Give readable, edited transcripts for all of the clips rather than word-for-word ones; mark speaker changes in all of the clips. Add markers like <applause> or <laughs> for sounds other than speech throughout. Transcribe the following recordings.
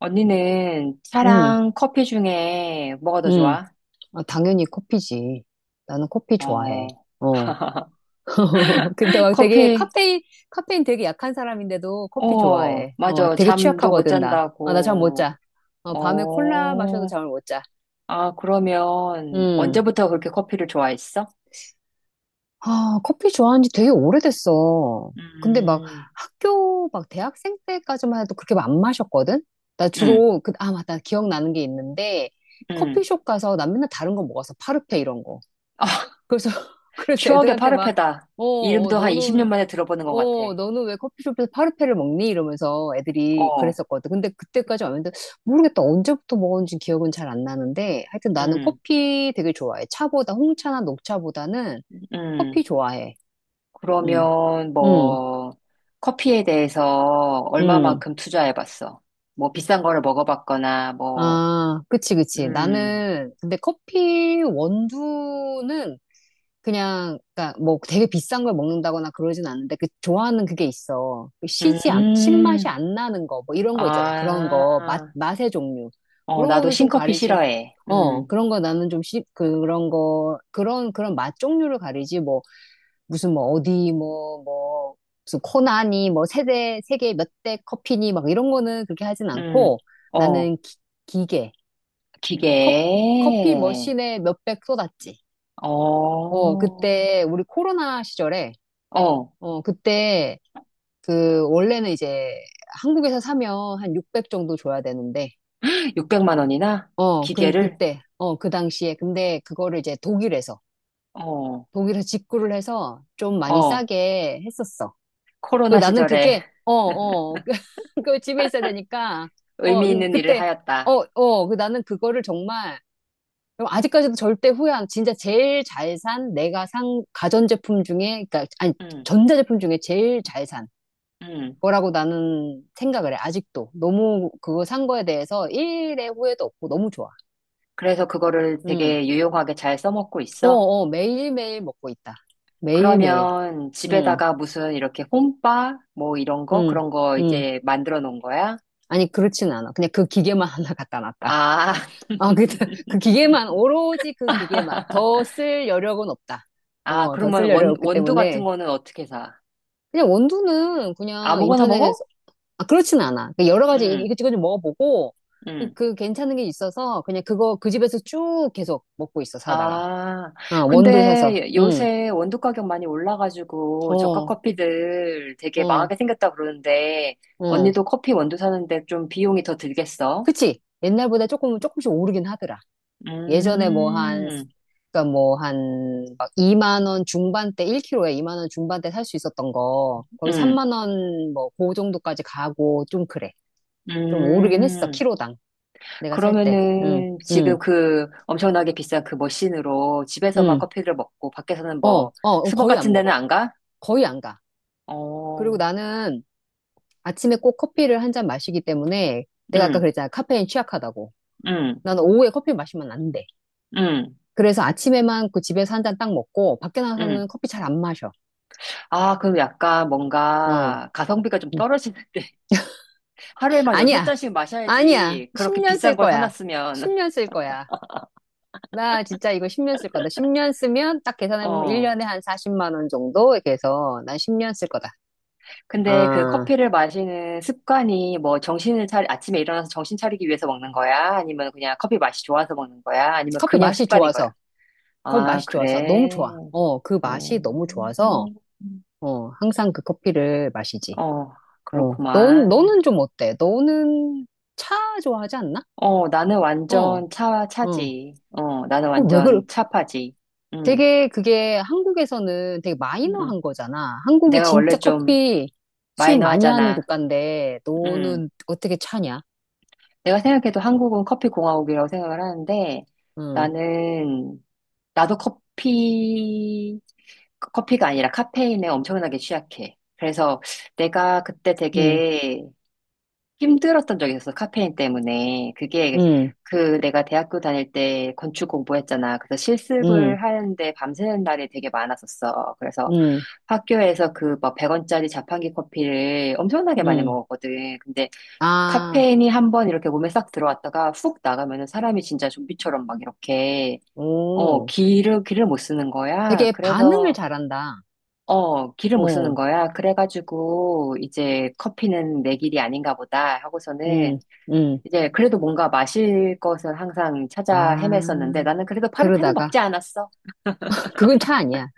Speaker 1: 언니는
Speaker 2: 응,
Speaker 1: 차랑 커피 중에 뭐가 더
Speaker 2: 응.
Speaker 1: 좋아?
Speaker 2: 아, 당연히 커피지. 나는 커피 좋아해.
Speaker 1: 어,
Speaker 2: 어. <laughs> 근데 막 되게
Speaker 1: 커피,
Speaker 2: 카페인 되게 약한 사람인데도 커피
Speaker 1: 어,
Speaker 2: 좋아해. 어,
Speaker 1: 맞아.
Speaker 2: 되게
Speaker 1: 잠도 못
Speaker 2: 취약하거든, 나. 아, 나 잠 못
Speaker 1: 잔다고.
Speaker 2: 자. 어, 밤에 콜라 마셔도
Speaker 1: 어,
Speaker 2: 잠을 못 자.
Speaker 1: 아, 그러면
Speaker 2: 음.
Speaker 1: 언제부터 그렇게 커피를 좋아했어?
Speaker 2: 아, 커피 좋아한 지 되게 오래됐어. 근데 막
Speaker 1: 음,
Speaker 2: 막 대학생 때까지만 해도 그렇게 안 마셨거든?
Speaker 1: 음,
Speaker 2: 아, 맞다. 기억나는 게 있는데,
Speaker 1: 음.
Speaker 2: 커피숍 가서 난 맨날 다른 거 먹었어. 파르페 이런 거.
Speaker 1: 아,
Speaker 2: 그래서, <laughs> 그래서
Speaker 1: 추억의
Speaker 2: 애들한테 막,
Speaker 1: 파르페다.
Speaker 2: 어, 어,
Speaker 1: 이름도 한 20년
Speaker 2: 너는,
Speaker 1: 만에 들어보는 것 같아.
Speaker 2: 너는 왜 커피숍에서 파르페를 먹니? 이러면서 애들이
Speaker 1: 어,
Speaker 2: 그랬었거든. 근데 그때까지 왔는데, 모르겠다. 언제부터 먹었는지 기억은 잘 안 나는데, 하여튼 나는
Speaker 1: 음,
Speaker 2: 커피 되게 좋아해. 차보다, 홍차나 녹차보다는 커피
Speaker 1: 음.
Speaker 2: 좋아해. 음.
Speaker 1: 그러면
Speaker 2: 음.
Speaker 1: 뭐 커피에 대해서
Speaker 2: 음.
Speaker 1: 얼마만큼 투자해봤어? 뭐 비싼 거를 먹어봤거나 뭐
Speaker 2: 아, 그치, 그치.
Speaker 1: 음,
Speaker 2: 근데 커피 원두는 그냥 그니까 뭐 되게 비싼 걸 먹는다거나 그러진 않는데 그 좋아하는 그게 있어. 그 시지 안,
Speaker 1: 음,
Speaker 2: 신맛이 안 나는 거 뭐 이런 거 있잖아. 그런
Speaker 1: 아,
Speaker 2: 거 맛의 종류.
Speaker 1: 어,
Speaker 2: 그런
Speaker 1: 나도
Speaker 2: 거는 좀
Speaker 1: 신커피
Speaker 2: 가리지.
Speaker 1: 싫어해.
Speaker 2: 어, 그런 거 나는 좀 그런 거 그런 맛 종류를 가리지 뭐 무슨 뭐 어디 뭐 뭐 무슨 코나니 뭐 세대 세계 몇 대 커피니 막 이런 거는 그렇게 하진
Speaker 1: 음,
Speaker 2: 않고
Speaker 1: 어,
Speaker 2: 나는 기계 컵 커피
Speaker 1: 기계,
Speaker 2: 머신에 몇 백 쏟았지.
Speaker 1: 어,
Speaker 2: 어, 그때 우리 코로나 시절에
Speaker 1: 어,
Speaker 2: 어, 그때, 원래는 이제 한국에서 사면 한 600 정도 줘야 되는데,
Speaker 1: 600만 원이나
Speaker 2: 어, 그,
Speaker 1: 기계를,
Speaker 2: 그때, 어, 그 당시에. 근데 그거를 이제 독일에서,
Speaker 1: 어,
Speaker 2: 독일에서 직구를 해서 좀 많이
Speaker 1: 어,
Speaker 2: 싸게 했었어. 그
Speaker 1: 코로나
Speaker 2: 나는
Speaker 1: 시절에
Speaker 2: 그게,
Speaker 1: <laughs>
Speaker 2: <laughs> 그, 그 집에 있어야 되니까, 어,
Speaker 1: 의미
Speaker 2: 이거
Speaker 1: 있는 일을
Speaker 2: 그때,
Speaker 1: 하였다.
Speaker 2: 그 나는 그거를 정말, 아직까지도 절대 후회 안, 진짜 제일 잘 산, 내가 산 가전제품 중에, 그니까, 아니,
Speaker 1: 음
Speaker 2: 전자제품 중에 제일 잘 산.
Speaker 1: 음,
Speaker 2: 거라고 나는 생각을 해, 아직도. 너무 그거 산 거에 대해서 일의 후회도 없고 너무 좋아.
Speaker 1: 그래서 그거를
Speaker 2: 음.
Speaker 1: 되게 유용하게 잘 써먹고
Speaker 2: 어,
Speaker 1: 있어.
Speaker 2: 어, 매일매일 먹고 있다. 매일매일.
Speaker 1: 그러면
Speaker 2: 음.
Speaker 1: 집에다가 무슨 이렇게 홈바 뭐 이런 거
Speaker 2: 음.
Speaker 1: 그런 거
Speaker 2: 음.
Speaker 1: 이렇게 만들어 놓은 거야?
Speaker 2: 아니, 그렇진 않아. 그냥 그 기계만 <laughs> 하나 갖다 놨다.
Speaker 1: 아,
Speaker 2: 아,
Speaker 1: <laughs>
Speaker 2: <laughs> 그 기계만, 오로지 그 기계만. 더 쓸 여력은 없다.
Speaker 1: 아
Speaker 2: 어, 더 쓸
Speaker 1: 그러면
Speaker 2: 여력
Speaker 1: 원
Speaker 2: 없기
Speaker 1: 원두 같은
Speaker 2: 때문에.
Speaker 1: 거는 어떻게 사?
Speaker 2: 그냥 원두는 그냥
Speaker 1: 아무거나
Speaker 2: 인터넷.
Speaker 1: 먹어?
Speaker 2: 아, 그렇진 않아. 그 여러 가지 이-
Speaker 1: 응,
Speaker 2: 이것저것 좀 먹어보고, 그,
Speaker 1: 응.
Speaker 2: 그 괜찮은 게 있어서, 그냥 그거, 그 집에서 쭉 계속 먹고 있어, 사다가.
Speaker 1: 아,
Speaker 2: 어, 원두 사서.
Speaker 1: 근데
Speaker 2: 응.
Speaker 1: 요새 원두 가격 많이 올라가지고 저가
Speaker 2: 어.
Speaker 1: 커피들 되게
Speaker 2: 어.
Speaker 1: 망하게 생겼다 그러는데
Speaker 2: 어.
Speaker 1: 언니도 커피 원두 사는데 좀 비용이 더 들겠어?
Speaker 2: 그치? 옛날보다 조금씩 오르긴 하더라. 예전에 뭐 한,
Speaker 1: 음,
Speaker 2: 그니까 뭐 한, 막 2만 원 중반대, 1kg에 2만 원 중반대 살 수 있었던 거, 거의
Speaker 1: 응.
Speaker 2: 3만 원, 뭐, 그 정도까지 가고, 좀 그래. 좀 오르긴 했어,
Speaker 1: 음,
Speaker 2: 키로당. 내가 살 때. 응.
Speaker 1: 그러면은
Speaker 2: 응.
Speaker 1: 지금 그 엄청나게 비싼 그 머신으로 집에서만
Speaker 2: 응.
Speaker 1: 커피를 먹고 밖에서는 뭐
Speaker 2: 어, 어,
Speaker 1: 스벅
Speaker 2: 거의
Speaker 1: 같은
Speaker 2: 안
Speaker 1: 데는
Speaker 2: 먹어.
Speaker 1: 안 가?
Speaker 2: 거의 안 가. 그리고
Speaker 1: 어,
Speaker 2: 나는 아침에 꼭 커피를 한 잔 마시기 때문에 내가 아까
Speaker 1: 응,
Speaker 2: 그랬잖아. 카페인 취약하다고.
Speaker 1: 응,
Speaker 2: 나는 오후에 커피 마시면 안 돼.
Speaker 1: 응,
Speaker 2: 그래서 아침에만 그 집에서 한 잔 딱 먹고 밖에 나가서는
Speaker 1: 응.
Speaker 2: 커피 잘 안 마셔.
Speaker 1: 아, 그럼 약간
Speaker 2: 어.
Speaker 1: 뭔가 가성비가 좀
Speaker 2: 음.
Speaker 1: 떨어지는데 <laughs> 하루에 막 여섯
Speaker 2: 아니야.
Speaker 1: 잔씩
Speaker 2: 아니야.
Speaker 1: 마셔야지 그렇게
Speaker 2: 10년 쓸
Speaker 1: 비싼 걸
Speaker 2: 거야.
Speaker 1: 사놨으면.
Speaker 2: 10년 쓸 거야. 나 진짜 이거 10년 쓸 거다. 10년 쓰면 딱 계산해보면
Speaker 1: 어,
Speaker 2: 1년에 한 40만 원 정도 이렇게 해서 난 10년 쓸 거다.
Speaker 1: 근데 그
Speaker 2: 아,
Speaker 1: 커피를 마시는 습관이 뭐 정신을 차리, 아침에 일어나서 정신 차리기 위해서 먹는 거야? 아니면 그냥 커피 맛이 좋아서 먹는 거야? 아니면
Speaker 2: 커피
Speaker 1: 그냥
Speaker 2: 맛이
Speaker 1: 습관인 거야?
Speaker 2: 좋아서. 커피
Speaker 1: 아,
Speaker 2: 맛이 좋아서. 너무
Speaker 1: 그래.
Speaker 2: 좋아. 어, 그
Speaker 1: 어,
Speaker 2: 맛이 너무 좋아서 항상 그 커피를 마시지.
Speaker 1: 어,
Speaker 2: 어, 넌,
Speaker 1: 그렇구만.
Speaker 2: 너는 좀 어때? 너는 차 좋아하지 않나?
Speaker 1: 어, 나는
Speaker 2: 어.
Speaker 1: 완전 차,
Speaker 2: 어.
Speaker 1: 차지. 어, 나는
Speaker 2: 어, 왜 그래?
Speaker 1: 완전 차파지. 응,
Speaker 2: 되게 그게 한국에서는 되게
Speaker 1: 응.
Speaker 2: 마이너한 거잖아. 한국이
Speaker 1: 내가 원래
Speaker 2: 진짜
Speaker 1: 좀
Speaker 2: 커피 수입 많이 하는
Speaker 1: 마이너하잖아.
Speaker 2: 국가인데,
Speaker 1: 응.
Speaker 2: 너는 어떻게 차냐?
Speaker 1: 내가 생각해도 한국은 커피 공화국이라고 생각을 하는데,
Speaker 2: 응.
Speaker 1: 나는, 나도 커피, 커피가 아니라 카페인에 엄청나게 취약해. 그래서 내가 그때
Speaker 2: 응.
Speaker 1: 되게 힘들었던 적이 있었어, 카페인 때문에. 그게
Speaker 2: 응.
Speaker 1: 그 내가 대학교 다닐 때 건축 공부했잖아. 그래서
Speaker 2: 응.
Speaker 1: 실습을 하는데 밤새는 날이 되게 많았었어. 그래서
Speaker 2: 응.
Speaker 1: 학교에서 그 막 100원짜리 자판기 커피를 엄청나게 많이
Speaker 2: 응.
Speaker 1: 먹었거든. 근데
Speaker 2: 아,
Speaker 1: 카페인이 한 번 이렇게 몸에 싹 들어왔다가 훅 나가면은 사람이 진짜 좀비처럼 막 이렇게 어,
Speaker 2: 오.
Speaker 1: 기를 못 쓰는 거야.
Speaker 2: 되게 반응을
Speaker 1: 그래서
Speaker 2: 잘한다.
Speaker 1: 어, 기를 못 쓰는
Speaker 2: 어.
Speaker 1: 거야. 그래가지고, 이제 커피는 내 길이 아닌가 보다 하고서는
Speaker 2: 응. 응.
Speaker 1: 이제 그래도 뭔가 마실 것은 항상 찾아
Speaker 2: 아,
Speaker 1: 헤맸었는데 나는 그래도 파르페는
Speaker 2: 그러다가,
Speaker 1: 먹지 않았어.
Speaker 2: <laughs> 그건 차 아니야.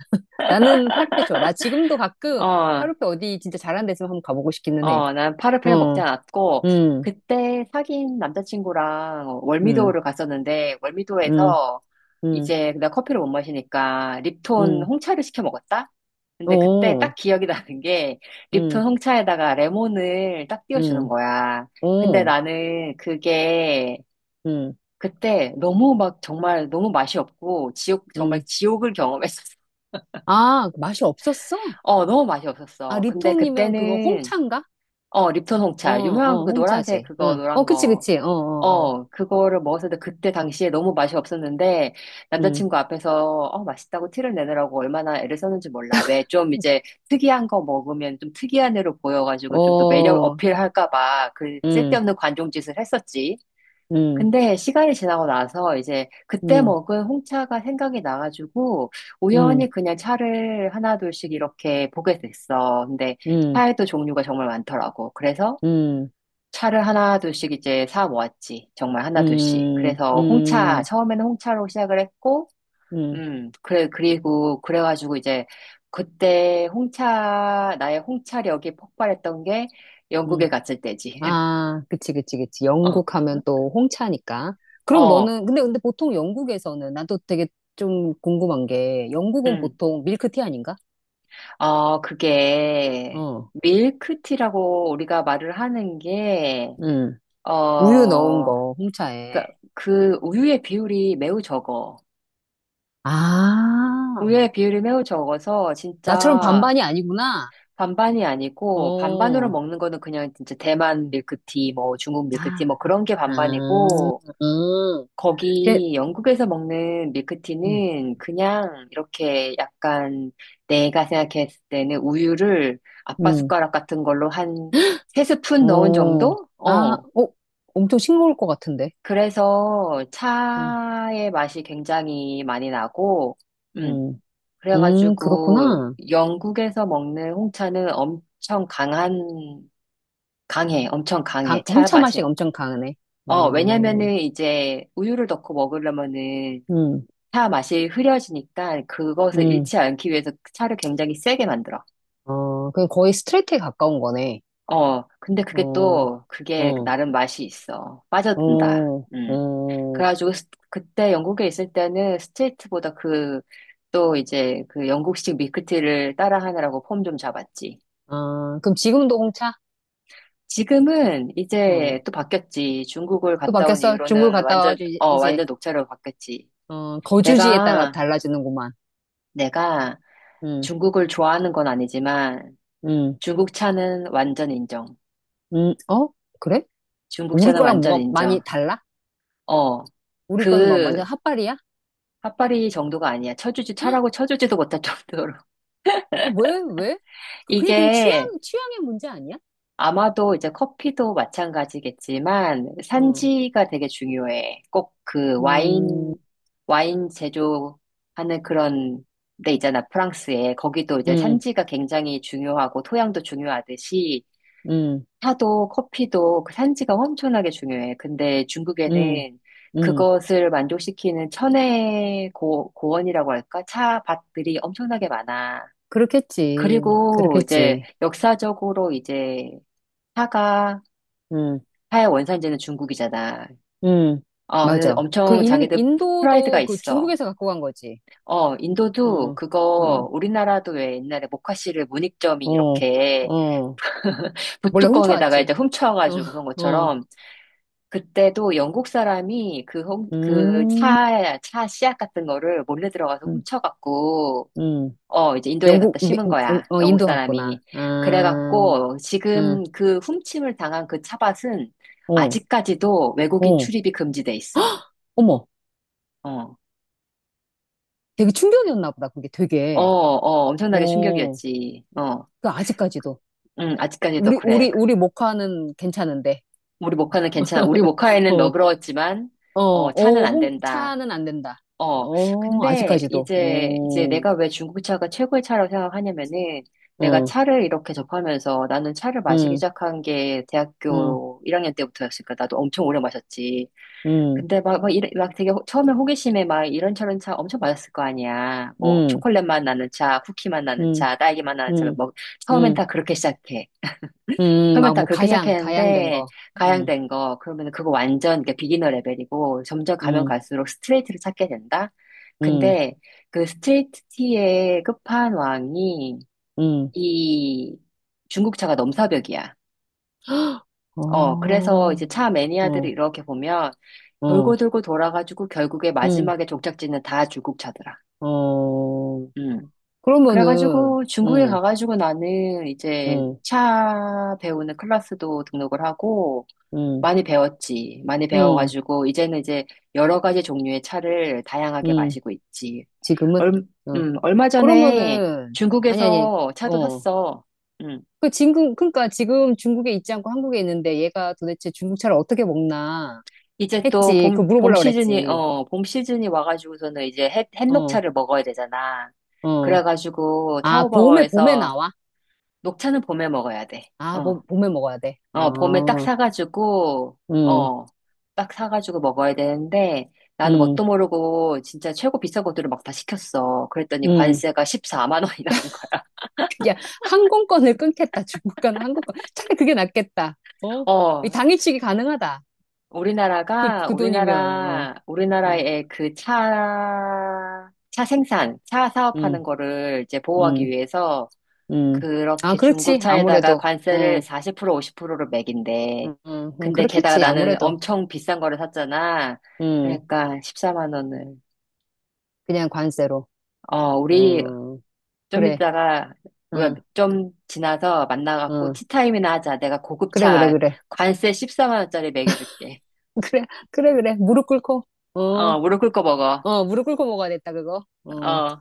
Speaker 2: 나는 파르페 좋아. 나 지금도 가끔
Speaker 1: 어,
Speaker 2: 파르페 어디 진짜 잘하는 데 있으면 한번 가보고 싶기는 해.
Speaker 1: 어, 난 파르페는 먹지
Speaker 2: 어.
Speaker 1: 않았고
Speaker 2: 음.
Speaker 1: 그때 사귄 남자친구랑
Speaker 2: 음.
Speaker 1: 월미도를 갔었는데
Speaker 2: 음.
Speaker 1: 월미도에서
Speaker 2: 음.
Speaker 1: 이제 내가 커피를 못 마시니까 립톤
Speaker 2: 음.
Speaker 1: 홍차를 시켜 먹었다? 근데 그때
Speaker 2: 오.
Speaker 1: 딱 기억이 나는 게 립톤
Speaker 2: 음.
Speaker 1: 홍차에다가 레몬을 딱 띄워주는
Speaker 2: 음.
Speaker 1: 거야. 근데
Speaker 2: 오.
Speaker 1: 나는 그게
Speaker 2: 음.
Speaker 1: 그때 너무 막 정말 너무 맛이 없고 지옥 정말
Speaker 2: 음.
Speaker 1: 지옥을 경험했었어.
Speaker 2: 아, 맛이 없었어?
Speaker 1: <laughs> 어, 너무 맛이
Speaker 2: 아,
Speaker 1: 없었어. 근데
Speaker 2: 리톤이면 그거
Speaker 1: 그때는
Speaker 2: 홍차인가?
Speaker 1: 어, 립톤
Speaker 2: 어,
Speaker 1: 홍차 유명한
Speaker 2: 어,
Speaker 1: 그 노란색
Speaker 2: 홍차지.
Speaker 1: 그거
Speaker 2: 응. 어,
Speaker 1: 노란
Speaker 2: 그치,
Speaker 1: 거.
Speaker 2: 그치. 어. 어. 어.
Speaker 1: 어, 그거를 먹었는데 그때 당시에 너무 맛이 없었는데
Speaker 2: 음.
Speaker 1: 남자친구 앞에서 어, 맛있다고 티를 내느라고 얼마나 애를 썼는지 몰라. 왜 좀 이제 특이한 거 먹으면 좀 특이한 애로 보여가지고 좀 더 매력
Speaker 2: 어.
Speaker 1: 어필할까 봐 그
Speaker 2: 음.
Speaker 1: 쓸데없는 관종짓을 했었지.
Speaker 2: 음.
Speaker 1: 근데 시간이 지나고 나서 이제 그때
Speaker 2: 음.
Speaker 1: 먹은 홍차가 생각이 나가지고
Speaker 2: 음.
Speaker 1: 우연히 그냥 차를 하나둘씩 이렇게 보게 됐어. 근데
Speaker 2: 음.
Speaker 1: 차에도 종류가 정말 많더라고. 그래서
Speaker 2: 음.
Speaker 1: 차를 하나둘씩 이제 사 모았지. 정말 하나둘씩.
Speaker 2: 음.
Speaker 1: 그래서 홍차,
Speaker 2: 음.
Speaker 1: 처음에는 홍차로 시작을 했고,
Speaker 2: 음.
Speaker 1: 그래, 그리고 그래가지고 이제 그때 홍차, 나의 홍차력이 폭발했던 게 영국에
Speaker 2: 음.
Speaker 1: 갔을 때지. <laughs>
Speaker 2: 아, 그치, 그치, 그치.
Speaker 1: 어,
Speaker 2: 영국 하면 또 홍차니까. 그럼
Speaker 1: 어,
Speaker 2: 너는, 근데 보통 영국에서는, 나도 되게 좀 궁금한 게, 영국은
Speaker 1: 음.
Speaker 2: 보통 밀크티 아닌가?
Speaker 1: 어, 그게
Speaker 2: 어,
Speaker 1: 밀크티라고 우리가 말을 하는 게,
Speaker 2: 응. 우유 넣은
Speaker 1: 어,
Speaker 2: 거,
Speaker 1: 그
Speaker 2: 홍차에.
Speaker 1: 그 우유의 비율이 매우 적어.
Speaker 2: 아,
Speaker 1: 우유의 비율이 매우 적어서
Speaker 2: 나처럼
Speaker 1: 진짜
Speaker 2: 반반이 아니구나.
Speaker 1: 반반이 아니고 반반으로
Speaker 2: 어.
Speaker 1: 먹는 거는 그냥 진짜 대만 밀크티, 뭐 중국 밀크티,
Speaker 2: 아.
Speaker 1: 뭐 그런 게
Speaker 2: 아.
Speaker 1: 반반이고
Speaker 2: 음. 걔.
Speaker 1: 거기 영국에서 먹는
Speaker 2: 음.
Speaker 1: 밀크티는 그냥 이렇게 약간 내가 생각했을 때는 우유를 아빠
Speaker 2: 음.
Speaker 1: 숟가락 같은 걸로 한 세 스푼 넣은
Speaker 2: 어.
Speaker 1: 정도?
Speaker 2: 아.
Speaker 1: 어.
Speaker 2: 어, 엄청 싱거울 것 같은데.
Speaker 1: 그래서
Speaker 2: 어.
Speaker 1: 차의 맛이 굉장히 많이 나고, 음.
Speaker 2: 음. 음.
Speaker 1: 그래가지고
Speaker 2: 그렇구나.
Speaker 1: 영국에서 먹는 홍차는 엄청 강한, 강해. 엄청 강해. 차
Speaker 2: 홍차
Speaker 1: 맛이.
Speaker 2: 맛이 엄청 강하네.
Speaker 1: 어,
Speaker 2: 어.
Speaker 1: 왜냐면은 이제 우유를 넣고 먹으려면은
Speaker 2: 음.
Speaker 1: 차 맛이 흐려지니까 그것을
Speaker 2: 음.
Speaker 1: 잃지 않기 위해서 그 차를 굉장히 세게 만들어.
Speaker 2: 어, 그럼 거의 스트레이트에 가까운 거네.
Speaker 1: 어, 근데 그게
Speaker 2: 어.
Speaker 1: 또, 그게
Speaker 2: 어.
Speaker 1: 나름 맛이 있어. 빠져든다.
Speaker 2: 어.
Speaker 1: 음.
Speaker 2: 어.
Speaker 1: 그래가지고 스- 그때 영국에 있을 때는 스트레이트보다 그, 또 이제 그 영국식 밀크티를 따라하느라고 폼 좀 잡았지.
Speaker 2: 아, 그럼 지금도 홍차?
Speaker 1: 지금은 이제
Speaker 2: 어,
Speaker 1: 또 바뀌었지. 중국을
Speaker 2: 또
Speaker 1: 갔다 온
Speaker 2: 바뀌었어? 중국
Speaker 1: 이후로는
Speaker 2: 갔다
Speaker 1: 완전,
Speaker 2: 와가지고
Speaker 1: 어, 완전 녹차로 바뀌었지.
Speaker 2: 어, 거주지에 따라
Speaker 1: 내가,
Speaker 2: 달라지는구만.
Speaker 1: 내가
Speaker 2: 음.
Speaker 1: 중국을 좋아하는 건 아니지만,
Speaker 2: 음.
Speaker 1: 중국차는 완전 인정.
Speaker 2: 음. 어? 그래? 우리
Speaker 1: 중국차는
Speaker 2: 거랑
Speaker 1: 완전
Speaker 2: 뭐가 많이
Speaker 1: 인정.
Speaker 2: 달라?
Speaker 1: 어,
Speaker 2: 우리 거는 뭐 완전
Speaker 1: 그,
Speaker 2: 핫발이야?
Speaker 1: 핫바리 정도가 아니야. 쳐주지, 차라고 쳐주지도 못할 정도로.
Speaker 2: 어, 왜?
Speaker 1: <laughs>
Speaker 2: 그냥 취향,
Speaker 1: 이게
Speaker 2: 취향의 문제 아니야?
Speaker 1: 아마도 이제 커피도 마찬가지겠지만,
Speaker 2: 어.
Speaker 1: 산지가 되게 중요해. 꼭 그
Speaker 2: 음.
Speaker 1: 와인, 와인 제조하는 그런 데 있잖아. 프랑스에. 거기도 이제
Speaker 2: 음.
Speaker 1: 산지가 굉장히 중요하고, 토양도 중요하듯이,
Speaker 2: 음.
Speaker 1: 차도 커피도 그 산지가 엄청나게 중요해. 근데
Speaker 2: 음.
Speaker 1: 중국에는
Speaker 2: 음.
Speaker 1: 그것을 만족시키는 천혜 고, 고원이라고 할까? 차밭들이 엄청나게 많아.
Speaker 2: 그렇겠지.
Speaker 1: 그리고 이제
Speaker 2: 그렇겠지.
Speaker 1: 역사적으로 이제 차가
Speaker 2: 음.
Speaker 1: 차의 원산지는 중국이잖아.
Speaker 2: 음.
Speaker 1: 어, 그래서
Speaker 2: 맞아. 그
Speaker 1: 엄청
Speaker 2: 인,
Speaker 1: 자기들 프라이드가
Speaker 2: 인도도 그
Speaker 1: 있어.
Speaker 2: 중국에서 갖고 간 거지.
Speaker 1: 어, 인도도
Speaker 2: 음.
Speaker 1: 그거
Speaker 2: 음.
Speaker 1: 우리나라도 왜 옛날에 모카씨를 문익점이
Speaker 2: 어.
Speaker 1: 이렇게
Speaker 2: 어.
Speaker 1: <laughs>
Speaker 2: 몰래
Speaker 1: 붓뚜껑에다가 이제
Speaker 2: 훔쳐왔지.
Speaker 1: 훔쳐가지고 그런
Speaker 2: 어. 어.
Speaker 1: 것처럼 그때도 영국 사람이 그, 홈, 그
Speaker 2: 음.
Speaker 1: 차, 차 씨앗 같은 거를 몰래 들어가서
Speaker 2: 음.
Speaker 1: 훔쳐갖고,
Speaker 2: 음.
Speaker 1: 어, 이제 인도에 갖다
Speaker 2: 영국, 미-
Speaker 1: 심은 거야.
Speaker 2: 어, 어,
Speaker 1: 영국
Speaker 2: 인도 갔구나.
Speaker 1: 사람이.
Speaker 2: 아.
Speaker 1: 그래갖고,
Speaker 2: 음.
Speaker 1: 지금 그 훔침을 당한 그 차밭은
Speaker 2: 어.
Speaker 1: 아직까지도 외국인
Speaker 2: 어.
Speaker 1: 출입이 금지돼 있어.
Speaker 2: 어머,
Speaker 1: 어,
Speaker 2: 되게 충격이었나 보다. 그게
Speaker 1: 어,
Speaker 2: 되게.
Speaker 1: 어, 엄청나게
Speaker 2: 어,
Speaker 1: 충격이었지. 어,
Speaker 2: 그 아직까지도.
Speaker 1: 응, 아직까지도
Speaker 2: 우리,
Speaker 1: 그래.
Speaker 2: 우리, 우리 모카는 괜찮은데.
Speaker 1: 우리 모카는 괜찮아. 우리 모카에는
Speaker 2: <laughs>
Speaker 1: 너그러웠지만,
Speaker 2: 어,
Speaker 1: 어, 차는
Speaker 2: 어,
Speaker 1: 안 된다.
Speaker 2: 차는 안 된다.
Speaker 1: 어,
Speaker 2: 어,
Speaker 1: 근데
Speaker 2: 아직까지도.
Speaker 1: 이제
Speaker 2: 오.
Speaker 1: 내가 왜 중국차가 최고의 차라고 생각하냐면은 내가
Speaker 2: 응.
Speaker 1: 차를 이렇게 접하면서 나는 차를 마시기
Speaker 2: 응.
Speaker 1: 시작한 게
Speaker 2: 응.
Speaker 1: 대학교 1학년 때부터였으니까 나도 엄청 오래 마셨지.
Speaker 2: 응.
Speaker 1: 근데 막, 막, 이래- 막 되게 호- 처음에 호기심에 막 이런저런 차 엄청 마셨을 거 아니야. 뭐
Speaker 2: 응.
Speaker 1: 초콜릿 맛 나는 차, 쿠키 맛 나는
Speaker 2: 응.
Speaker 1: 차, 딸기 맛 나는 차,
Speaker 2: 응.
Speaker 1: 뭐 처음엔
Speaker 2: 응.
Speaker 1: 다 그렇게 시작해.
Speaker 2: 응.
Speaker 1: 처음에
Speaker 2: 막
Speaker 1: 다
Speaker 2: 뭐
Speaker 1: 그렇게
Speaker 2: 가양된
Speaker 1: 시작했는데
Speaker 2: 거. 응.
Speaker 1: 가양된 거 그러면 그거 완전 이게 비기너 레벨이고 점점 가면
Speaker 2: 응.
Speaker 1: 갈수록 스트레이트를 찾게 된다.
Speaker 2: 응.
Speaker 1: 근데 그 스트레이트의 티 끝판왕이
Speaker 2: 응.
Speaker 1: 이 중국차가 넘사벽이야. 어
Speaker 2: 어.
Speaker 1: 그래서 이제 차 매니아들을
Speaker 2: 어.
Speaker 1: 이렇게 보면
Speaker 2: 어.
Speaker 1: 돌고 돌고 돌아가지고 결국에
Speaker 2: 응.
Speaker 1: 마지막에 종착지는 다 중국차더라.
Speaker 2: 어.
Speaker 1: 음.
Speaker 2: 그러면은,
Speaker 1: 그래가지고 중국에
Speaker 2: 응.
Speaker 1: 가가지고 나는 이제
Speaker 2: 응.
Speaker 1: 차 배우는 클래스도 등록을 하고
Speaker 2: 응.
Speaker 1: 많이 배웠지. 많이
Speaker 2: 응.
Speaker 1: 배워가지고, 이제는 이제 여러 가지 종류의 차를 다양하게
Speaker 2: 응.
Speaker 1: 마시고 있지.
Speaker 2: 지금은?
Speaker 1: 얼,
Speaker 2: 어.
Speaker 1: 얼마 전에
Speaker 2: 그러면은, 아니, 아니,
Speaker 1: 중국에서 차도
Speaker 2: 어.
Speaker 1: 샀어. 음.
Speaker 2: 그 지금 그러니까 지금 중국에 있지 않고 한국에 있는데 얘가 도대체 중국 차를 어떻게 먹나
Speaker 1: 이제 또
Speaker 2: 했지. 그
Speaker 1: 봄
Speaker 2: 물어보려고
Speaker 1: 시즌이,
Speaker 2: 그랬지.
Speaker 1: 어, 봄 시즌이 와가지고서는 이제 햇,
Speaker 2: 어.
Speaker 1: 햇녹차를 먹어야 되잖아.
Speaker 2: 어.
Speaker 1: 그래가지고
Speaker 2: 아, 봄에
Speaker 1: 타오바오에서
Speaker 2: 나와?
Speaker 1: 녹차는 봄에 먹어야 돼.
Speaker 2: 아,
Speaker 1: 어.
Speaker 2: 봄에 먹어야 돼.
Speaker 1: 어, 봄에 딱
Speaker 2: 어.
Speaker 1: 사가지고,
Speaker 2: 음.
Speaker 1: 어, 딱 사가지고 먹어야 되는데, 나는
Speaker 2: 음.
Speaker 1: 뭣도 모르고 진짜 최고 비싼 것들을 막 다 시켰어. 그랬더니
Speaker 2: 음.
Speaker 1: 관세가 14만 원이 나온 거야.
Speaker 2: 야, 항공권을 끊겠다. 중국 가는 항공권. 차라리 그게 낫겠다.
Speaker 1: <laughs>
Speaker 2: 어? 이
Speaker 1: 어,
Speaker 2: 당일치기 가능하다. 그,
Speaker 1: 우리나라가,
Speaker 2: 그 돈이면. 어.
Speaker 1: 우리나라,
Speaker 2: 어.
Speaker 1: 우리나라의 그 차, 차 생산, 차 사업하는
Speaker 2: 음.
Speaker 1: 거를 이제 보호하기
Speaker 2: 음.
Speaker 1: 위해서
Speaker 2: 음. 아,
Speaker 1: 그렇게 중국
Speaker 2: 그렇지.
Speaker 1: 차에다가
Speaker 2: 아무래도.
Speaker 1: 관세를
Speaker 2: 응.
Speaker 1: 40% 50%로 매긴대.
Speaker 2: 응. 응. 응.
Speaker 1: 근데 게다가
Speaker 2: 그렇겠지.
Speaker 1: 나는
Speaker 2: 아무래도.
Speaker 1: 엄청 비싼 거를 샀잖아.
Speaker 2: 음.
Speaker 1: 그러니까 14만 원을.
Speaker 2: 그냥 관세로.
Speaker 1: 어, 우리
Speaker 2: 음.
Speaker 1: 좀
Speaker 2: 그래.
Speaker 1: 이따가, 뭐야,
Speaker 2: 응.
Speaker 1: 좀 지나서 만나갖고
Speaker 2: 응.
Speaker 1: 티타임이나 하자. 내가
Speaker 2: 그래, 그래,
Speaker 1: 고급차
Speaker 2: 그래.
Speaker 1: 관세 14만 원짜리 먹여줄게.
Speaker 2: <laughs> 그래, 그래, 그래. 무릎 꿇고. 어,
Speaker 1: 어, 무릎 꿇고 먹어.
Speaker 2: 어, 무릎 꿇고 먹어야 됐다, 그거. 어.
Speaker 1: 어.